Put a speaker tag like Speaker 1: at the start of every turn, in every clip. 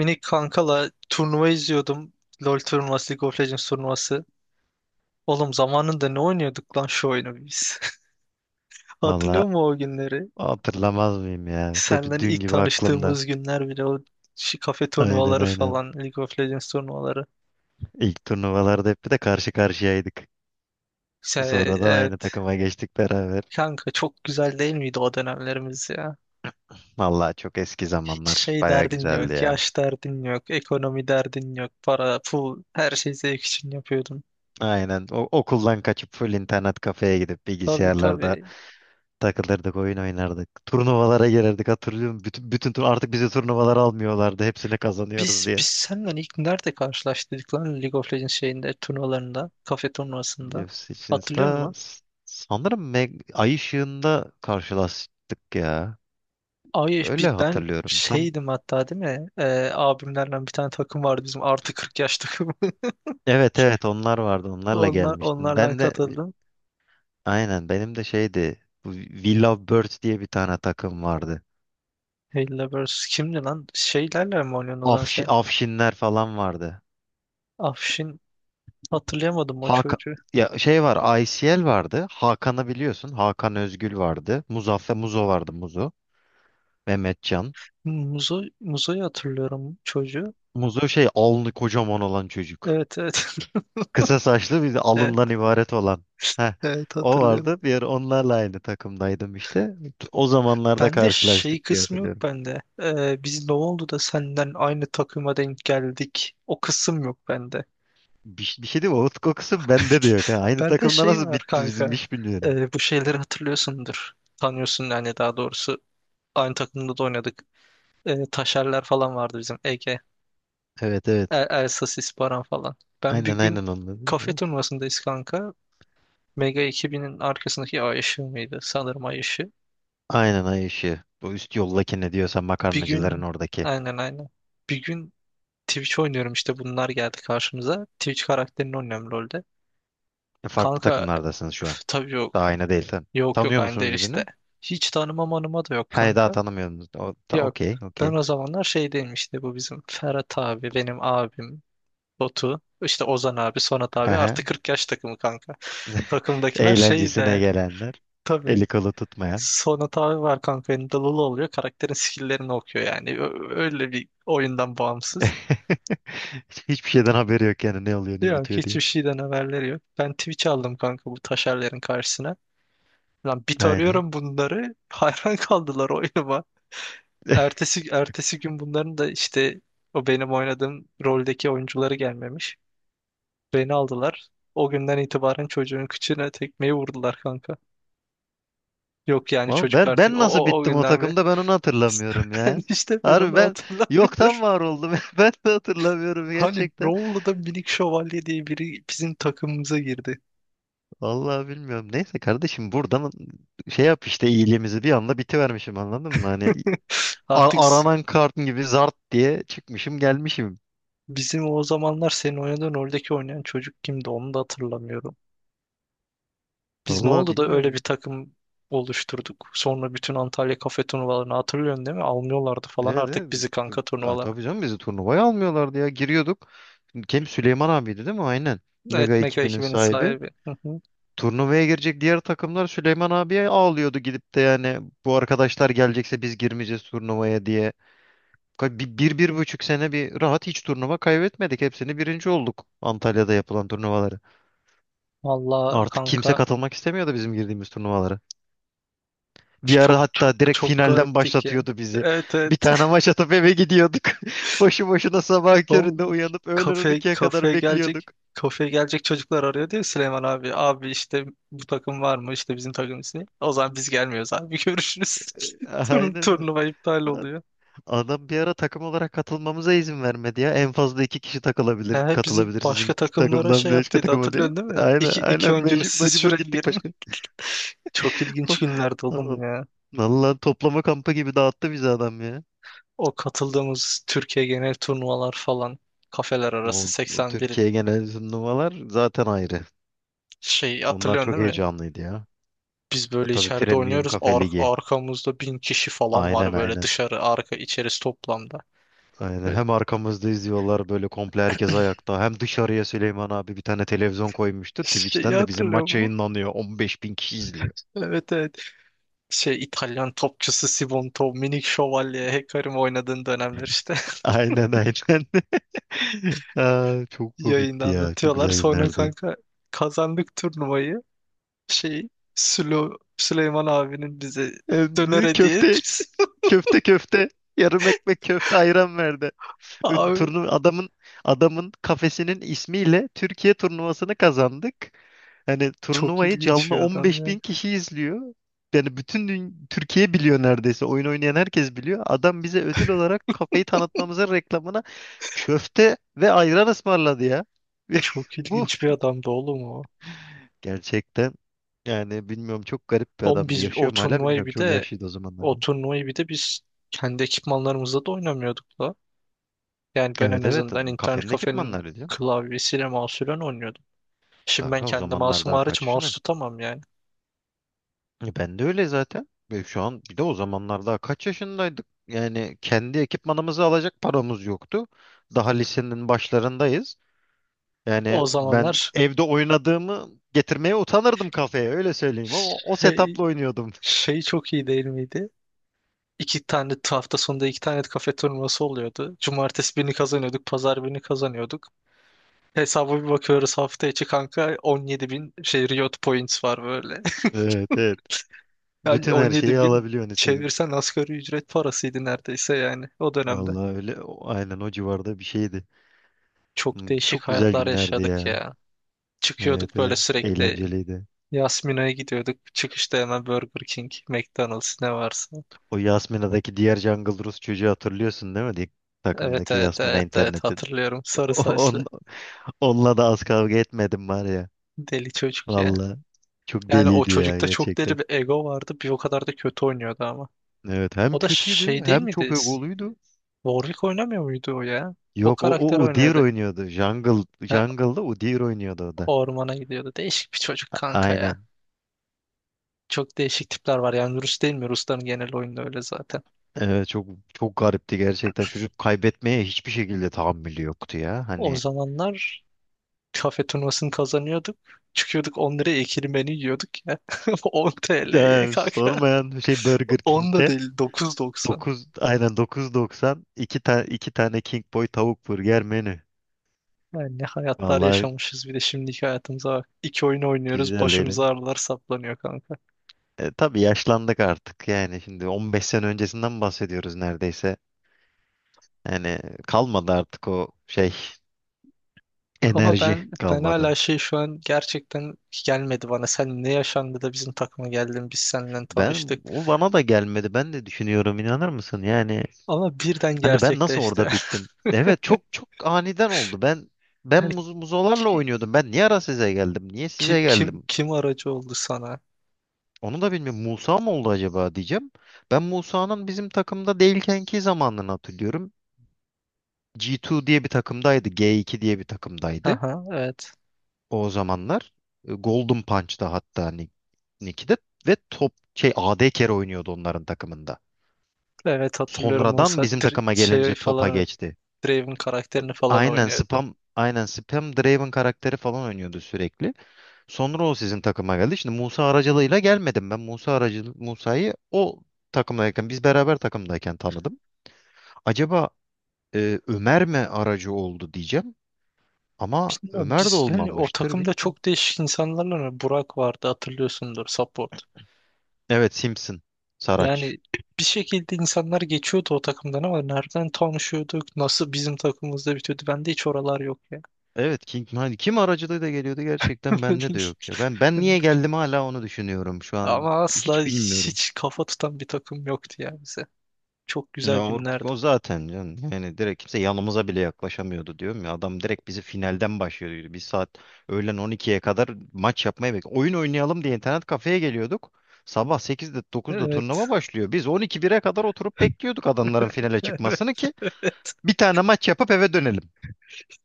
Speaker 1: Minik kankala turnuva izliyordum. LoL turnuvası, League of Legends turnuvası. Oğlum zamanında ne oynuyorduk lan şu oyunu biz? Hatırlıyor
Speaker 2: Valla
Speaker 1: musun o günleri?
Speaker 2: hatırlamaz mıyım ya? Hep
Speaker 1: Senden
Speaker 2: dün
Speaker 1: ilk
Speaker 2: gibi aklımda.
Speaker 1: tanıştığımız günler bile o kafe
Speaker 2: Aynen
Speaker 1: turnuvaları
Speaker 2: aynen.
Speaker 1: falan, League of Legends turnuvaları.
Speaker 2: İlk turnuvalarda hep bir de karşı karşıyaydık. Sonradan aynı
Speaker 1: Evet.
Speaker 2: takıma geçtik beraber.
Speaker 1: Kanka çok güzel değil miydi o dönemlerimiz ya?
Speaker 2: Valla çok eski
Speaker 1: Hiç
Speaker 2: zamanlar.
Speaker 1: şey
Speaker 2: Baya
Speaker 1: derdin
Speaker 2: güzeldi
Speaker 1: yok,
Speaker 2: ya.
Speaker 1: yaş derdin yok, ekonomi derdin yok, para, pul, her şeyi zevk için yapıyordun.
Speaker 2: Aynen. O, okuldan kaçıp full internet kafeye gidip
Speaker 1: Tabii,
Speaker 2: bilgisayarlarda
Speaker 1: tabii.
Speaker 2: takılırdık, oyun oynardık. Turnuvalara gelirdik hatırlıyorum. Bütün tur artık bizi turnuvalara almıyorlardı. Hepsini kazanıyoruz
Speaker 1: Biz
Speaker 2: diye.
Speaker 1: biz seninle ilk nerede karşılaştık lan League of Legends şeyinde turnuvalarında, kafe turnuvasında.
Speaker 2: UFC için
Speaker 1: Hatırlıyor
Speaker 2: de
Speaker 1: musun?
Speaker 2: sanırım Ay ışığında karşılaştık ya.
Speaker 1: Ay
Speaker 2: Öyle
Speaker 1: bir ben
Speaker 2: hatırlıyorum. Tam
Speaker 1: şeydim hatta değil mi? Abimlerle bir tane takım vardı bizim artı 40 yaş takımı.
Speaker 2: evet evet onlar vardı. Onlarla
Speaker 1: Onlar
Speaker 2: gelmiştin.
Speaker 1: onlarla
Speaker 2: Ben de
Speaker 1: katıldım.
Speaker 2: aynen benim de şeydi. Bu We Love Birds diye bir tane takım vardı.
Speaker 1: Hella vs. kimdi lan? Şeylerle mi oynuyorsun o zaman sen?
Speaker 2: Afşinler falan vardı.
Speaker 1: Afşin, hatırlayamadım o
Speaker 2: Hakan
Speaker 1: çocuğu.
Speaker 2: ya şey var, ICL vardı. Hakan'ı biliyorsun. Hakan Özgül vardı. Muzaffer Muzo vardı Muzo. Mehmetcan.
Speaker 1: Muzo'yu hatırlıyorum çocuğu.
Speaker 2: Muzo şey alnı kocaman olan çocuk.
Speaker 1: Evet, evet.
Speaker 2: Kısa saçlı bir de
Speaker 1: Evet,
Speaker 2: alından ibaret olan. Heh,
Speaker 1: evet,
Speaker 2: o
Speaker 1: hatırlıyorum.
Speaker 2: vardı. Bir ara onlarla aynı takımdaydım işte. O zamanlarda
Speaker 1: Bende şey
Speaker 2: karşılaştık diye
Speaker 1: kısmı yok
Speaker 2: hatırlıyorum.
Speaker 1: bende. Biz ne oldu da senden aynı takıma denk geldik. O kısım yok bende.
Speaker 2: Bir şey değil mi? Umut kokusu bende de yok. Ha. Aynı
Speaker 1: Bende
Speaker 2: takımda
Speaker 1: şey
Speaker 2: nasıl
Speaker 1: var
Speaker 2: bitti bizim
Speaker 1: kanka.
Speaker 2: iş bilmiyorum.
Speaker 1: Bu şeyleri hatırlıyorsundur. Tanıyorsun yani daha doğrusu. Aynı takımda da oynadık. Taşerler falan vardı bizim. Ege,
Speaker 2: Evet evet.
Speaker 1: Elsasis, Baran falan. Ben bir
Speaker 2: Aynen
Speaker 1: gün
Speaker 2: aynen onunla değil
Speaker 1: kafe
Speaker 2: mi?
Speaker 1: turnuvasındayız kanka. Mega 2000'in arkasındaki Ay ışığı mıydı? Sanırım Ay ışığı.
Speaker 2: Aynen ay ışığı. O üst yoldaki ne diyorsa
Speaker 1: Bir
Speaker 2: makarnacıların
Speaker 1: gün
Speaker 2: oradaki.
Speaker 1: Aynen, aynen. Bir gün Twitch oynuyorum işte bunlar geldi karşımıza. Twitch karakterini oynuyorum LoL'de.
Speaker 2: E, farklı
Speaker 1: Kanka
Speaker 2: takımlardasınız şu an.
Speaker 1: üf, tabii yok.
Speaker 2: Daha aynı değil sen.
Speaker 1: Yok, yok,
Speaker 2: Tanıyor
Speaker 1: aynı değil
Speaker 2: musunuz
Speaker 1: işte.
Speaker 2: birbirini?
Speaker 1: Hiç tanımam anıma da yok
Speaker 2: Hayır daha
Speaker 1: kanka.
Speaker 2: tanımıyorsunuz.
Speaker 1: Yok.
Speaker 2: Okey
Speaker 1: Ben
Speaker 2: okey.
Speaker 1: o zamanlar şeydeyim işte bu bizim Ferhat abi, benim abim, Batu, işte Ozan abi, Sonat
Speaker 2: Hı
Speaker 1: abi
Speaker 2: hı.
Speaker 1: artı 40 yaş takımı kanka. Takımdakiler şey
Speaker 2: Eğlencesine
Speaker 1: değerli.
Speaker 2: gelenler.
Speaker 1: Tabii.
Speaker 2: Eli kolu tutmayan.
Speaker 1: Sonat abi var kanka elinde Lulu oluyor. Karakterin skill'lerini okuyor yani. Öyle bir oyundan bağımsız.
Speaker 2: Hiçbir şeyden haberi yok yani ne oluyor ne
Speaker 1: Yok
Speaker 2: bitiyor
Speaker 1: hiçbir
Speaker 2: diye.
Speaker 1: şeyden haberleri yok. Ben Twitch aldım kanka bu taşerlerin karşısına. Lan bit
Speaker 2: Aynen.
Speaker 1: arıyorum bunları. Hayran kaldılar oyunuma. Ertesi gün bunların da işte o benim oynadığım roldeki oyuncuları gelmemiş. Beni aldılar. O günden itibaren çocuğun kıçına tekmeyi vurdular kanka. Yok yani
Speaker 2: Ama
Speaker 1: çocuk
Speaker 2: ben
Speaker 1: artık o,
Speaker 2: ben nasıl
Speaker 1: o, o
Speaker 2: bittim o
Speaker 1: günden ve
Speaker 2: takımda ben onu hatırlamıyorum
Speaker 1: ben
Speaker 2: ya.
Speaker 1: işte ben
Speaker 2: Harbi
Speaker 1: onu
Speaker 2: ben
Speaker 1: hatırlamıyorum.
Speaker 2: yoktan var oldum. Ben de hatırlamıyorum
Speaker 1: Hani ne
Speaker 2: gerçekten.
Speaker 1: oldu da minik şövalye diye biri bizim takımımıza girdi.
Speaker 2: Vallahi bilmiyorum. Neyse kardeşim buradan şey yap işte iyiliğimizi bir anda bitivermişim anladın mı? Hani
Speaker 1: Artık
Speaker 2: aranan kart gibi zart diye çıkmışım gelmişim.
Speaker 1: Bizim o zamanlar senin oynadığın oradaki oynayan çocuk kimdi onu da hatırlamıyorum. Biz ne
Speaker 2: Vallahi
Speaker 1: oldu da öyle bir
Speaker 2: bilmiyorum.
Speaker 1: takım oluşturduk. Sonra bütün Antalya kafe turnuvalarını hatırlıyorsun değil mi? Almıyorlardı falan
Speaker 2: Evet,
Speaker 1: artık
Speaker 2: evet.
Speaker 1: bizi kanka
Speaker 2: Aa,
Speaker 1: turnuvalara.
Speaker 2: tabii canım bizi turnuvaya almıyorlardı ya. Giriyorduk. Kim Süleyman abiydi değil mi? Aynen.
Speaker 1: Evet,
Speaker 2: Mega
Speaker 1: Mega
Speaker 2: ekibinin
Speaker 1: ekibinin
Speaker 2: sahibi.
Speaker 1: sahibi. Hı hı.
Speaker 2: Turnuvaya girecek diğer takımlar Süleyman abiye ağlıyordu gidip de yani bu arkadaşlar gelecekse biz girmeyeceğiz turnuvaya diye. Bir buçuk sene bir rahat hiç turnuva kaybetmedik. Hepsini birinci olduk Antalya'da yapılan turnuvaları.
Speaker 1: Vallahi
Speaker 2: Artık kimse
Speaker 1: kanka
Speaker 2: katılmak istemiyordu bizim girdiğimiz turnuvalara. Bir ara
Speaker 1: çok, çok,
Speaker 2: hatta direkt
Speaker 1: çok
Speaker 2: finalden
Speaker 1: garipti ki.
Speaker 2: başlatıyordu bizi.
Speaker 1: Evet,
Speaker 2: Bir
Speaker 1: evet.
Speaker 2: tane maç atıp eve gidiyorduk. Boşu boşuna sabah
Speaker 1: Oğlum
Speaker 2: köründe uyanıp öğlen on ikiye kadar
Speaker 1: kafeye gelecek
Speaker 2: bekliyorduk.
Speaker 1: çocuklar arıyor diyor Süleyman abi. Abi işte bu takım var mı? İşte bizim takım ismi. O zaman biz gelmiyoruz abi. Görüşürüz.
Speaker 2: Aynen.
Speaker 1: Turnuva iptal oluyor.
Speaker 2: Adam bir ara takım olarak katılmamıza izin vermedi ya. En fazla iki kişi takılabilir,
Speaker 1: He, bizi
Speaker 2: katılabilir
Speaker 1: başka
Speaker 2: sizin
Speaker 1: takımlara
Speaker 2: takımdan
Speaker 1: şey
Speaker 2: başka
Speaker 1: yaptıydı
Speaker 2: takıma diye.
Speaker 1: hatırlıyorsun değil mi?
Speaker 2: Aynen
Speaker 1: İki
Speaker 2: aynen
Speaker 1: oyuncunuz
Speaker 2: mecbur,
Speaker 1: siz
Speaker 2: mecbur
Speaker 1: şuraya
Speaker 2: gittik
Speaker 1: girin.
Speaker 2: başka.
Speaker 1: Çok ilginç günlerdi oğlum ya.
Speaker 2: Vallahi toplama kampı gibi dağıttı bizi adam ya.
Speaker 1: O katıldığımız Türkiye genel turnuvalar falan kafeler arası
Speaker 2: O
Speaker 1: 81
Speaker 2: Türkiye genel turnuvalar zaten ayrı.
Speaker 1: şey
Speaker 2: Onlar
Speaker 1: hatırlıyorsun
Speaker 2: çok
Speaker 1: değil mi?
Speaker 2: heyecanlıydı ya.
Speaker 1: Biz
Speaker 2: E,
Speaker 1: böyle
Speaker 2: tabii
Speaker 1: içeride
Speaker 2: Premium
Speaker 1: oynuyoruz.
Speaker 2: Kafe Ligi.
Speaker 1: Arkamızda bin kişi falan
Speaker 2: Aynen
Speaker 1: var böyle
Speaker 2: aynen.
Speaker 1: dışarı arka içerisi toplamda.
Speaker 2: Aynen.
Speaker 1: Ve
Speaker 2: Hem arkamızda izliyorlar böyle komple herkes ayakta. Hem dışarıya Süleyman abi bir tane televizyon koymuştu.
Speaker 1: Şeyi
Speaker 2: Twitch'ten de bizim
Speaker 1: hatırlıyor
Speaker 2: maç
Speaker 1: mu?
Speaker 2: yayınlanıyor. 15 bin kişi izliyor.
Speaker 1: Evet, evet. Şey İtalyan topçusu Sibonto, Minik Şövalye, Hecarim oynadığın dönemler işte.
Speaker 2: Aynen aynen. Aa, çok
Speaker 1: Yayında
Speaker 2: komikti ya. Çok
Speaker 1: anlatıyorlar.
Speaker 2: güzel
Speaker 1: Sonra
Speaker 2: günlerdi.
Speaker 1: kanka kazandık turnuvayı. Şey Süleyman abinin bize döner
Speaker 2: Ee,
Speaker 1: hediye
Speaker 2: köfte,
Speaker 1: etmesi.
Speaker 2: köfte, köfte. Yarım ekmek köfte ayran verdi. Ö-
Speaker 1: Abi
Speaker 2: Turnu Adamın kafesinin ismiyle Türkiye turnuvasını kazandık. Hani
Speaker 1: çok
Speaker 2: turnuvayı
Speaker 1: ilginç
Speaker 2: canlı
Speaker 1: bir adam
Speaker 2: 15
Speaker 1: ya.
Speaker 2: bin kişi izliyor. Yani Türkiye biliyor neredeyse. Oyun oynayan herkes biliyor. Adam bize ödül olarak kafeyi tanıtmamıza reklamına köfte ve ayran ısmarladı ya.
Speaker 1: Çok
Speaker 2: Bu
Speaker 1: ilginç bir adamdı oğlum o.
Speaker 2: gerçekten yani bilmiyorum çok garip bir
Speaker 1: Oğlum
Speaker 2: adamdı.
Speaker 1: biz
Speaker 2: Yaşıyor mu hala bilmiyorum. Çok yaşlıydı o zamanlarda.
Speaker 1: o turnuvayı bir de biz kendi ekipmanlarımızla da oynamıyorduk da. Yani ben en
Speaker 2: Evet evet
Speaker 1: azından internet
Speaker 2: kafenin
Speaker 1: kafenin
Speaker 2: ekipmanları diyor.
Speaker 1: klavyesiyle mouse'uyla oynuyordum. Şimdi ben
Speaker 2: Daha o
Speaker 1: kendi
Speaker 2: zamanlar
Speaker 1: mouse'um
Speaker 2: daha
Speaker 1: hariç
Speaker 2: kaç
Speaker 1: mouse
Speaker 2: yaşındayım?
Speaker 1: tutamam yani.
Speaker 2: E, ben de öyle zaten. Ve şu an bir de o zamanlar daha kaç yaşındaydık? Yani kendi ekipmanımızı alacak paramız yoktu. Daha lisenin başlarındayız. Yani
Speaker 1: O
Speaker 2: ben
Speaker 1: zamanlar
Speaker 2: evde oynadığımı getirmeye utanırdım kafeye öyle söyleyeyim ama o
Speaker 1: şey,
Speaker 2: setup'la oynuyordum.
Speaker 1: şey çok iyi değil miydi? İki tane hafta sonunda iki tane kafe turnuvası oluyordu. Cumartesi birini kazanıyorduk, pazar birini kazanıyorduk. Hesaba bir bakıyoruz hafta içi kanka 17 bin şey Riot Points var böyle.
Speaker 2: Evet evet.
Speaker 1: Yani
Speaker 2: Bütün her şeyi
Speaker 1: 17 bin
Speaker 2: alabiliyorsun istediğin.
Speaker 1: çevirsen asgari ücret parasıydı neredeyse yani o dönemde.
Speaker 2: Vallahi öyle aynen o civarda bir şeydi.
Speaker 1: Çok
Speaker 2: Hmm,
Speaker 1: değişik
Speaker 2: çok güzel
Speaker 1: hayatlar
Speaker 2: günlerdi
Speaker 1: yaşadık
Speaker 2: ya.
Speaker 1: ya.
Speaker 2: Evet
Speaker 1: Çıkıyorduk böyle
Speaker 2: evet.
Speaker 1: sürekli
Speaker 2: Eğlenceliydi.
Speaker 1: Yasmina'ya gidiyorduk. Çıkışta hemen Burger King, McDonald's ne varsa.
Speaker 2: O Yasmina'daki diğer Jungle Rus çocuğu hatırlıyorsun değil mi?
Speaker 1: Evet,
Speaker 2: Takımdaki
Speaker 1: evet,
Speaker 2: Yasmina
Speaker 1: evet, evet,
Speaker 2: internetin.
Speaker 1: hatırlıyorum. Sarı
Speaker 2: O-
Speaker 1: saçlı.
Speaker 2: On, onunla da az kavga etmedim var ya.
Speaker 1: Deli çocuk ya.
Speaker 2: Valla. Çok
Speaker 1: Yani o
Speaker 2: deliydi ya
Speaker 1: çocukta çok
Speaker 2: gerçekten.
Speaker 1: deli bir ego vardı. Bir o kadar da kötü oynuyordu ama.
Speaker 2: Evet hem
Speaker 1: O da
Speaker 2: kötüydü
Speaker 1: şey değil
Speaker 2: hem çok
Speaker 1: miydi?
Speaker 2: egoluydu.
Speaker 1: Warwick oynamıyor muydu o ya? O
Speaker 2: Yok o,
Speaker 1: karakter
Speaker 2: o Udyr
Speaker 1: oynuyordu.
Speaker 2: oynuyordu. Jungle,
Speaker 1: Ha,
Speaker 2: Jungle'da Udyr oynuyordu o da.
Speaker 1: ormana gidiyordu. Değişik bir çocuk kanka ya.
Speaker 2: Aynen.
Speaker 1: Çok değişik tipler var yani Rus değil mi? Rusların genel oyunu öyle zaten.
Speaker 2: Evet çok çok garipti gerçekten. Çocuk kaybetmeye hiçbir şekilde tahammülü yoktu ya.
Speaker 1: O
Speaker 2: Hani
Speaker 1: zamanlar kafe turnuvasını kazanıyorduk. Çıkıyorduk 10 liraya ikili menü yiyorduk ya. 10 TL'ye
Speaker 2: yani
Speaker 1: kanka.
Speaker 2: sormayan şey Burger
Speaker 1: 10 da
Speaker 2: King'de
Speaker 1: değil 9.90.
Speaker 2: 9 aynen dokuz doksan iki tane iki tane King Boy tavuk burger menü.
Speaker 1: Yani ne hayatlar
Speaker 2: Vallahi
Speaker 1: yaşamışız bir de şimdiki hayatımıza bak. İki oyun oynuyoruz
Speaker 2: güzel değil.
Speaker 1: başımıza ağrılar saplanıyor kanka.
Speaker 2: E, tabii yaşlandık artık yani şimdi 15 sene öncesinden bahsediyoruz neredeyse. Yani kalmadı artık o şey
Speaker 1: Ama
Speaker 2: enerji
Speaker 1: ben
Speaker 2: kalmadı.
Speaker 1: hala şey şu an gerçekten gelmedi bana. Sen ne yaşandı da bizim takıma geldin biz seninle
Speaker 2: Ben
Speaker 1: tanıştık.
Speaker 2: o bana da gelmedi. Ben de düşünüyorum inanır mısın? Yani
Speaker 1: Ama birden
Speaker 2: hani ben nasıl
Speaker 1: gerçekleşti.
Speaker 2: orada bittim? Evet çok çok aniden oldu. Ben muzolarla
Speaker 1: Yani,
Speaker 2: oynuyordum. Ben niye ara size geldim? Niye
Speaker 1: Kim
Speaker 2: size
Speaker 1: kim
Speaker 2: geldim?
Speaker 1: kim aracı oldu sana?
Speaker 2: Onu da bilmiyorum. Musa mı oldu acaba diyeceğim. Ben Musa'nın bizim takımda değilkenki zamanlarını hatırlıyorum. G2 diye bir takımdaydı. G2 diye bir takımdaydı.
Speaker 1: Aha, evet.
Speaker 2: O zamanlar. E, Golden Punch'ta hatta Nick'de ve top şey AD kere oynuyordu onların takımında.
Speaker 1: Evet hatırlıyorum Musa
Speaker 2: Sonradan bizim takıma
Speaker 1: Şey
Speaker 2: gelince topa
Speaker 1: falan, evet,
Speaker 2: geçti.
Speaker 1: Draven karakterini falan
Speaker 2: Aynen
Speaker 1: oynuyordu.
Speaker 2: spam aynen spam Draven karakteri falan oynuyordu sürekli. Sonra o sizin takıma geldi. Şimdi Musa aracılığıyla gelmedim ben. Musa'yı o takımdayken biz beraber takımdayken tanıdım. Acaba e, Ömer mi aracı oldu diyeceğim. Ama
Speaker 1: Bilmiyorum
Speaker 2: Ömer de
Speaker 1: biz yani o
Speaker 2: olmamıştır
Speaker 1: takımda
Speaker 2: bilmiyorum.
Speaker 1: çok değişik insanlarla mı? Burak vardı hatırlıyorsundur support.
Speaker 2: Evet Simpson. Saraç.
Speaker 1: Yani bir şekilde insanlar geçiyordu o takımdan ama nereden tanışıyorduk? Nasıl bizim takımımızda bitiyordu? Bende hiç oralar yok ya.
Speaker 2: Evet King hani kim aracılığıyla geliyordu gerçekten bende de yok ya. Ben niye geldim hala onu düşünüyorum şu an.
Speaker 1: Ama asla
Speaker 2: Hiç bilmiyorum.
Speaker 1: hiç kafa tutan bir takım yoktu ya bize. Çok
Speaker 2: Ya
Speaker 1: güzel
Speaker 2: o,
Speaker 1: günlerdi.
Speaker 2: o zaten canım. Yani direkt kimse yanımıza bile yaklaşamıyordu diyorum ya. Adam direkt bizi finalden başlıyordu. Bir saat öğlen 12'ye kadar maç yapmaya bekliyor. Oyun oynayalım diye internet kafeye geliyorduk. Sabah 8'de 9'da
Speaker 1: Evet.
Speaker 2: turnuva başlıyor. Biz 12 bire kadar oturup bekliyorduk adamların finale çıkmasını ki
Speaker 1: Evet.
Speaker 2: bir tane maç yapıp eve dönelim.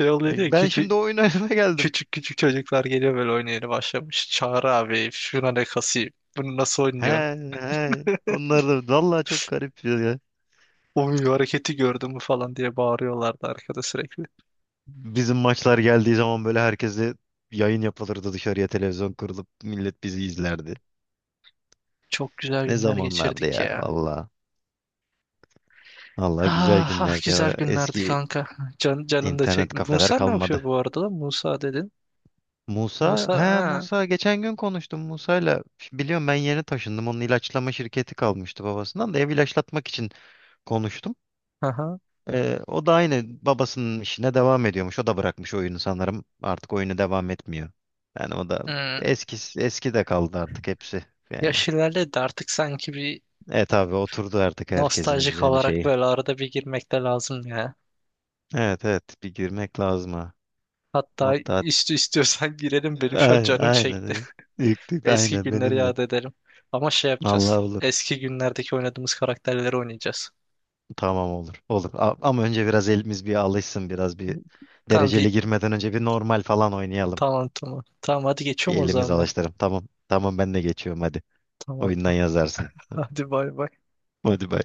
Speaker 1: Şey oluyor
Speaker 2: E,
Speaker 1: diye
Speaker 2: ben
Speaker 1: küçük
Speaker 2: şimdi oyun oynamaya geldim.
Speaker 1: küçük küçük çocuklar geliyor böyle oynayana başlamış. Çağrı abi şuna ne kasayım. Bunu nasıl
Speaker 2: He
Speaker 1: oynuyorsun?
Speaker 2: he. Onlar da vallahi çok garip ya.
Speaker 1: Oy hareketi gördün mü falan diye bağırıyorlardı arkada sürekli.
Speaker 2: Bizim maçlar geldiği zaman böyle herkese yayın yapılırdı dışarıya televizyon kurulup millet bizi izlerdi.
Speaker 1: Çok güzel
Speaker 2: Ne
Speaker 1: günler
Speaker 2: zamanlardı
Speaker 1: geçirdik
Speaker 2: ya
Speaker 1: ya.
Speaker 2: valla. Valla güzel
Speaker 1: Ah, ah,
Speaker 2: günlerde. O
Speaker 1: güzel günlerdi
Speaker 2: eski
Speaker 1: kanka. Canım da
Speaker 2: internet
Speaker 1: çekti.
Speaker 2: kafeler
Speaker 1: Musa ne yapıyor
Speaker 2: kalmadı.
Speaker 1: bu arada lan? Musa dedin.
Speaker 2: Musa,
Speaker 1: Musa
Speaker 2: he
Speaker 1: ha.
Speaker 2: Musa geçen gün konuştum Musa'yla. Biliyorum ben yeni taşındım. Onun ilaçlama şirketi kalmıştı babasından da ev ilaçlatmak için konuştum.
Speaker 1: Aha.
Speaker 2: O da aynı babasının işine devam ediyormuş. O da bırakmış oyunu sanırım. Artık oyunu devam etmiyor. Yani o da
Speaker 1: Hmm.
Speaker 2: eski eski de kaldı artık hepsi yani.
Speaker 1: Yaş ilerledi artık sanki bir
Speaker 2: Evet abi oturdu artık herkesin
Speaker 1: nostaljik
Speaker 2: düzeni
Speaker 1: olarak
Speaker 2: şeyi.
Speaker 1: böyle arada bir girmek de lazım ya.
Speaker 2: Evet evet bir girmek lazım ha.
Speaker 1: Hatta
Speaker 2: Hatta
Speaker 1: istiyorsan girelim benim şu an
Speaker 2: aynen,
Speaker 1: canım
Speaker 2: aynen.
Speaker 1: çekti.
Speaker 2: Evet. İlk tık
Speaker 1: Eski
Speaker 2: aynen
Speaker 1: günleri
Speaker 2: benim de.
Speaker 1: yad edelim. Ama şey yapacağız.
Speaker 2: Allah olur.
Speaker 1: Eski günlerdeki oynadığımız karakterleri oynayacağız.
Speaker 2: Tamam olur. Olur. Ama önce biraz elimiz bir alışsın. Biraz bir
Speaker 1: Tamam
Speaker 2: dereceli
Speaker 1: bir
Speaker 2: girmeden önce bir normal falan oynayalım.
Speaker 1: tamam, tamam. Tamam hadi
Speaker 2: Bir
Speaker 1: geçiyorum o
Speaker 2: elimiz
Speaker 1: zaman ben.
Speaker 2: alıştıralım. Tamam. Tamam ben de geçiyorum hadi.
Speaker 1: Tamam.
Speaker 2: Oyundan yazarsın.
Speaker 1: Hadi, bay bay.
Speaker 2: Hadi bay.